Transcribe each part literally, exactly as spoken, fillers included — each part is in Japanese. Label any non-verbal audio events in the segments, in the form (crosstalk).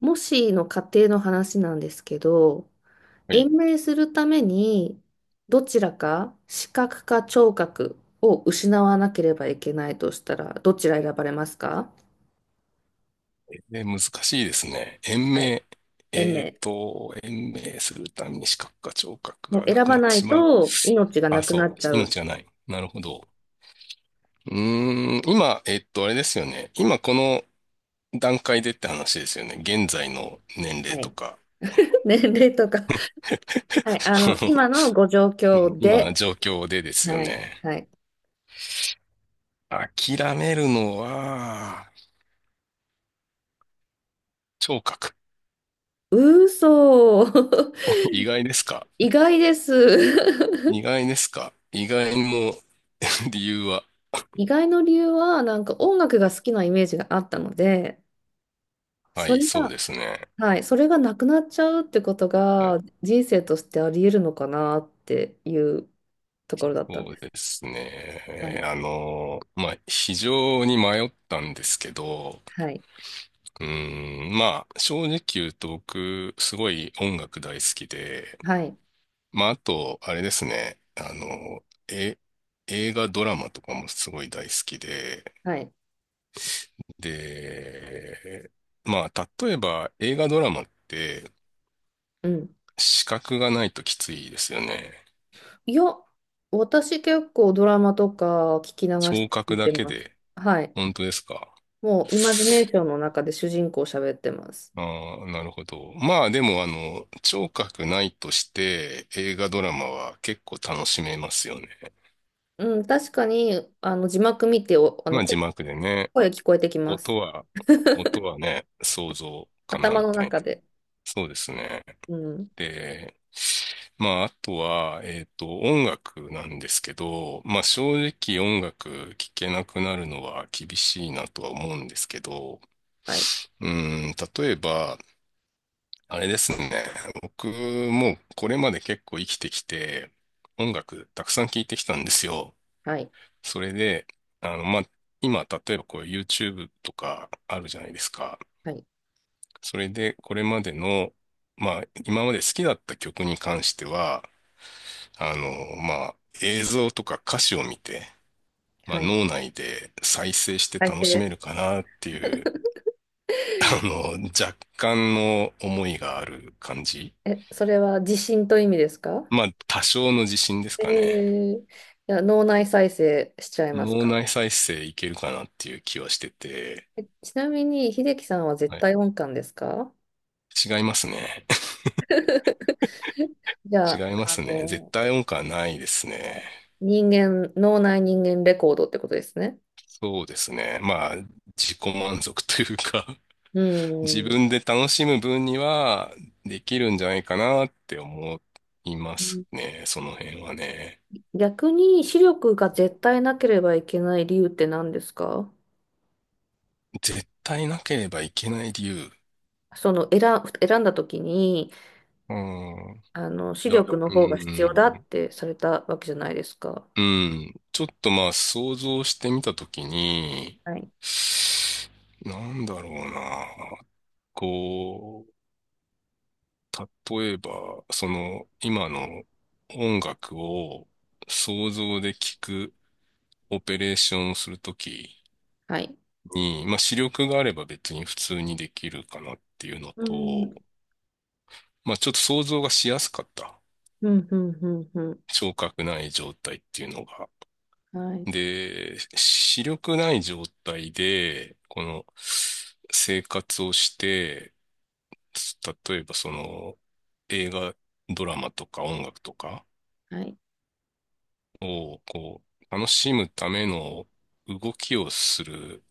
もしの仮定の話なんですけど、は延い。命するために、どちらか視覚か聴覚を失わなければいけないとしたら、どちら選ばれますか？えー難しいですね。延はい。命。延えっ命。と、延命するために視覚か聴覚もうがな選くばなっなていしまう。と命がなあ、くなそっちゃう。う。命がない。なるほど。うーん、今、えっと、あれですよね。今この段階でって話ですよね。現在の年は齢とい。か、(laughs) 年齢とか。はい。あ (laughs) この、の、今のご状うん況今、で。状況でですよはい。ね。はい。諦めるのは、聴覚。嘘。(laughs) 意外ですか？意外です。意外ですか？意外の (laughs) 理由は。(laughs) 意外の理由は、なんか音楽が好きなイメージがあったので、はそい、れそうがですね。はい、それがなくなっちゃうってことはい、が人生としてあり得るのかなっていうところだったんそでうす。ですはね。い、あの、まあ、非常に迷ったんですけど、はい、うーん、まあ、正直言うと僕、すごい音楽大好きで、はい、まあ、あと、あれですね、あの、え、映画、ドラマとかもすごい大好きで、はい、で、まあ、例えば映画、ドラマってうん。視覚がないときついですよね。いや、私結構ドラマとか聞き流し聴て聞覚いだてけます。で、はい。本当ですか？もうイマジネーションの中で主人公喋ってます。ああ、なるほど。まあでも、あの、聴覚ないとして映画ドラマは結構楽しめますよね。うん、確かにあの字幕見てお、あまのあ字声、幕でね、声聞こえてきま音す。は、音はね、想像かな頭みのたい中な。で。そうですね。うん。で、まああとは、えっと、音楽なんですけど、まあ正直音楽聴けなくなるのは厳しいなとは思うんですけど、はい、うん、例えば、あれですね。僕もこれまで結構生きてきて、音楽たくさん聴いてきたんですよ。はい、それで、あの、まあ、今、例えばこう YouTube とかあるじゃないですか。はい、それで、これまでの、まあ、今まで好きだった曲に関しては、あの、まあ、映像とか歌詞を見て、まあ、はい。脳内で再生して再楽し生。めるかなっていう、あの、若干の思いがある感じ。え、それは自信という意味ですか？まあ、多少の自信ですえかね。ー、じゃ脳内再生しちゃいます脳か。内再生いけるかなっていう気はしてて、えちなみに、秀樹さんは絶はい。対音感ですか？ 違いますね。(laughs) じ (laughs) ゃ違あ、いまあすね。絶の、対音感ないですね。人間、脳内人間レコードってことですね。そうですね。まあ、自己満足というか、う (laughs) 自分ん。で楽しむ分にはできるんじゃないかなって思いますね。その辺はね。逆に視力が絶対なければいけない理由って何ですか？絶対なければいけない理由。その選、選んだ時に、うん。あの、い視や、力のう方が必要だっん。てされたわけじゃないですか。うん。ちょっとまあ想像してみたときに、はい。なんだろうな。こう、例えば、その、今の音楽を想像で聞くオペレーションをするときはい。に、まあ視力があれば別に普通にできるかなっていうのうと、ん。まあちょっと想像がしやすかった。うん、うん、うん、うん。聴覚ない状態っていうのが。はい。で、視力ない状態で、この生活をして、例えばその映画、ドラマとか音楽とかはい。をこう楽しむための動きをする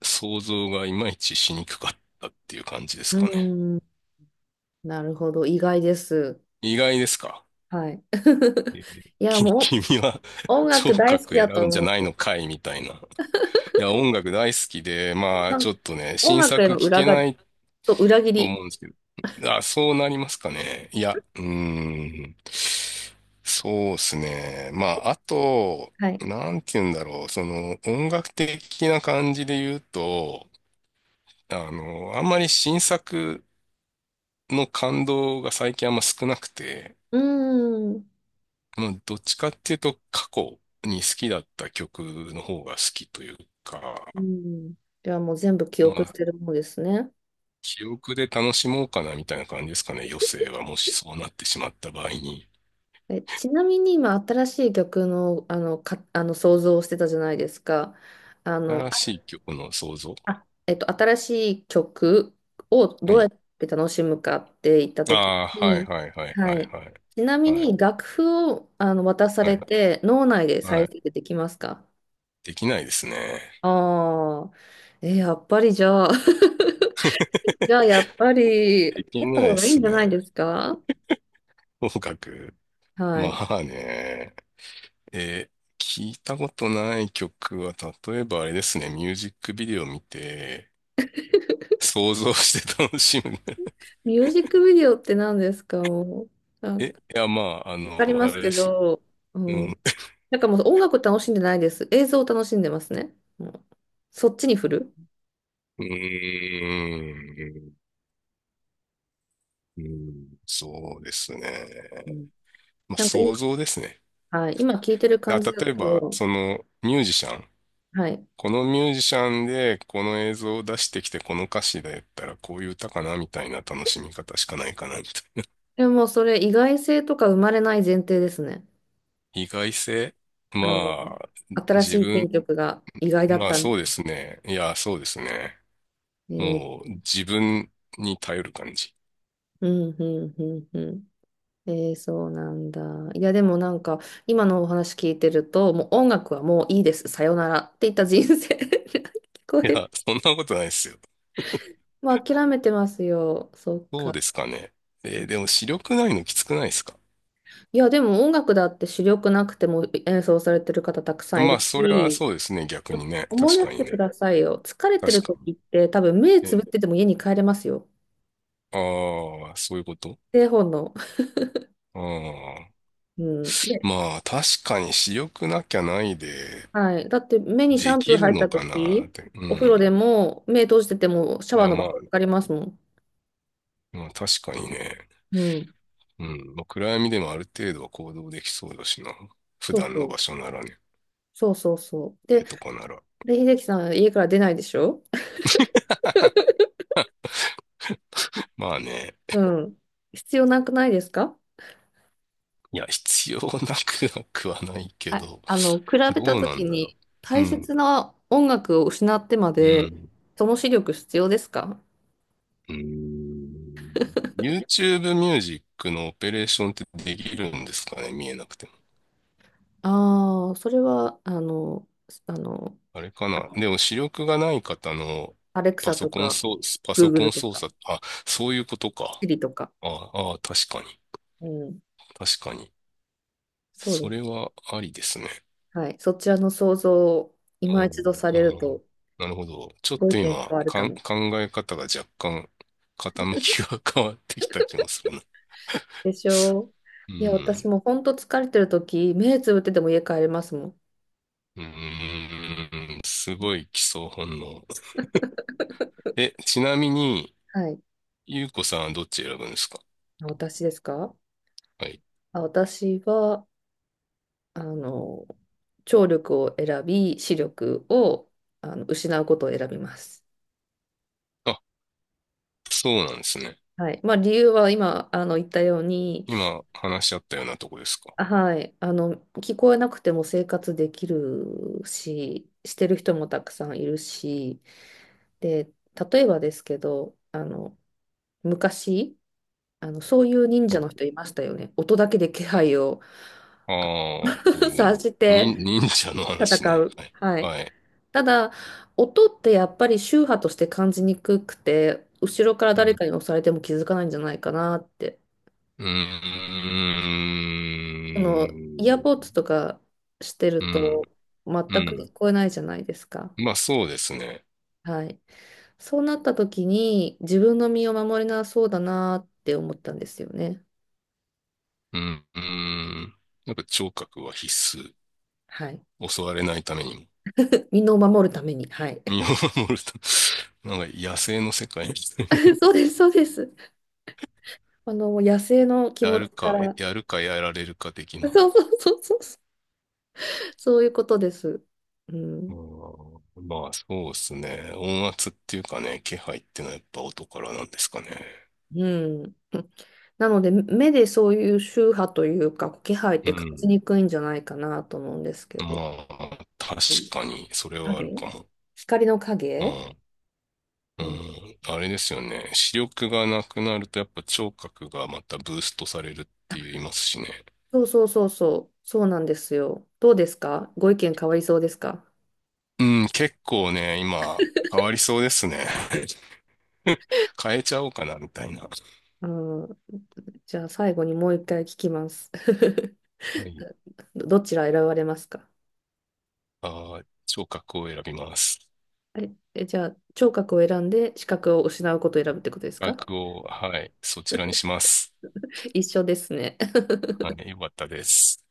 想像がいまいちしにくかったっていう感じでうすかね。ん、なるほど。意外です。意外ですか？はい。(laughs) えいや、きもう君は (laughs) 音聴楽大好覚き選だとぶんじゃ思っないて。のかいみたいな。いや、音楽大好きで、まあなちんょっとね、音新楽へ作の聴裏けが、ないそう、裏切とり。思うんですけど。あ、そうなりますかね。いや、うーん。そうですね。まあ、あと、はい。なんて言うんだろう。その、音楽的な感じで言うと、あの、あんまり新作の感動が最近あんま少なくて、うん。もうどっちかっていうと過去に好きだった曲の方が好きというか、うん。じゃあもう全部記ま憶しあ、てるものですね。記憶で楽しもうかなみたいな感じですかね。余生はもしそうなってしまった場合に。え、ちなみに今、新しい曲の、あの、か、あの想像をしてたじゃないですか。あの、新しい曲の創造。あ、えっと、新しい曲をはどうやっい。て楽しむかって言ったあときあ、はいに、はいはいははいい。はい。ちなみはいに楽譜をあの渡さはれいて脳内では再い。生できますか？できないですね。ああ、えやっぱりじゃあ、(laughs) じゃあ (laughs) やっぱりあできっないた方でがいいんすじゃね。ないですか？音楽。はまい。あね。えー、聞いたことない曲は、例えばあれですね、ミュージックビデオ見て、想像して楽しむ。ミュージックビデオって何ですか？もう、(laughs) あ、わえ、いや、まあ、あかりの、まあすれけですよ。ど、ううん。ん。なんかもう音楽楽しんでないです。映像を楽しんでますね。もうそっちに振る。うーん。うんそうですね。うん。まあ、なんか、想像ですね。はい、今聞いてる感あ、じだ例えば、と、そのミュージシャン、はい。このミュージシャンでこの映像を出してきてこの歌詞でやったらこういう歌かなみたいな楽しみ方しかないかなみたいな。でもそれ意外性とか生まれない前提ですね。意外性。あの、まあ、新自しい選分、曲が意外だっまあたみそうたでいな。すね。いや、そうですね。えー、もう自分に頼る感じ。うん、うん、うん、うん。えー、そうなんだ。いや、でもなんか、今のお話聞いてると、もう音楽はもういいです。さよならって言った人生 (laughs) 聞こいや、える。そんなことないですよ。まあ諦めてますよ。そっそうか。ですかね。えーでも視力ないのきつくないですか？いや、でも音楽だって主力なくても演奏されてる方たくさんいまるあ、それはし、そうですね。逆にね。思い確出かしにてくね。ださいよ。疲れてる確かに。時って多分目つぶえってーても家に帰れますよ。ああ、そういうこと。製本の。ああ。うん。ね。まあ、確かに私欲なきゃないで、はい。だって目にシャでンプきーる入っのたかなっ時、て。うお風呂でん。も目閉じててもシャいワーや、の場まあ、所かかりますもん。まあ、確かにね。うん。うん。まあ、暗闇でもある程度は行動できそうだしな。普そう段そのう。場所ならね。そうそうそう。で、家とかなら。で、秀樹さん家から出ないでしょ？まあね。うん。必要なくないですか？いや、必要なくなくはないけあ、ど、あの、比べどたうな時んだろにう。う大ん。切な音楽を失ってまうで、ん。その視力必要ですか？うん。YouTube ミュージックのオペレーションってできるんですかね見えなくて。ああ、それは、あの、すあの、あれかな。でも視力がない方のアレクパサソとコンか、操、パグーソグコルンと操か、作、あ、そういうことシか。リとか、ああ、確かに。うん、確かに。そうそでれす。はありですね。はい。そちらの想像をう今ん。一度さうれるん、と、なるほど。ちょっご意と見変今、わるかかん、も。考え方が若干傾きが (laughs) 変わってきた気もするな。でしょう。ういや、私ん。も本当疲れてるとき、目つぶってても家帰れますもん。うん。すごい基礎本能。え、ちなみに、はい。ゆうこさんはどっち選ぶんですか？私ですか？はい。あ、私は、あの、聴力を選び、視力を、あの、失うことを選びます。あ、そうなんですね。はい。まあ、理由は今、あの、言ったように、今話し合ったようなとこですか？はい。あの、聞こえなくても生活できるし、してる人もたくさんいるし、で、例えばですけど、あの、昔、あの、そういう忍は者い。の人いましたよね。音だけで気配を ああ、そう (laughs) い察うしの。てに、忍者の話戦ね。う。はい。はい。はい。ただ、音ってやっぱり周波として感じにくくて、後ろからう誰ん。かに押されても気づかないんじゃないかなって。うーあの、イヤーん。ポッツとかしてうるん。と、全くう聞こえないじゃないですか。ん。まあ、そうですね。はい。そうなった時に自分の身を守れなそうだなって思ったんですよね。うん。うん。なんか聴覚は必須。はい。襲われないためにも。身を守るために。はい。身を守るため (laughs) なんか野生の世界みたいな。(laughs) そうです、そうです。あの、もう野生の気や持るちかか、ら。やるかやられるか的な。そうそうそうそう。そういうことです。うあん。ーまあ、そうですね。音圧っていうかね、気配ってのはやっぱ音からなんですかね。うん。なので、目でそういう周波というか、気配っうて感じん。にくいんじゃないかなと思うんですけど。まあ、確かに、それはある影かも。光のう影。ん。ううん。ん。あれですよね。視力がなくなると、やっぱ聴覚がまたブーストされるっあ、て言いますしね。そうそうそうそう。そうなんですよ。どうですか？ご意見変わりそうですか？うん、結構ね、今、変わりそうですね。(laughs) 変えちゃおうかな、みたいな。うん、じゃあ最後にもう一回聞きます。(laughs) はい。どどちら選ばれますか？あー、聴覚を選びます。え、え、じゃあ聴覚を選んで視覚を失うことを選ぶってことです聴か？覚を、はい、そちらにします。一緒ですね。はい、よかったです。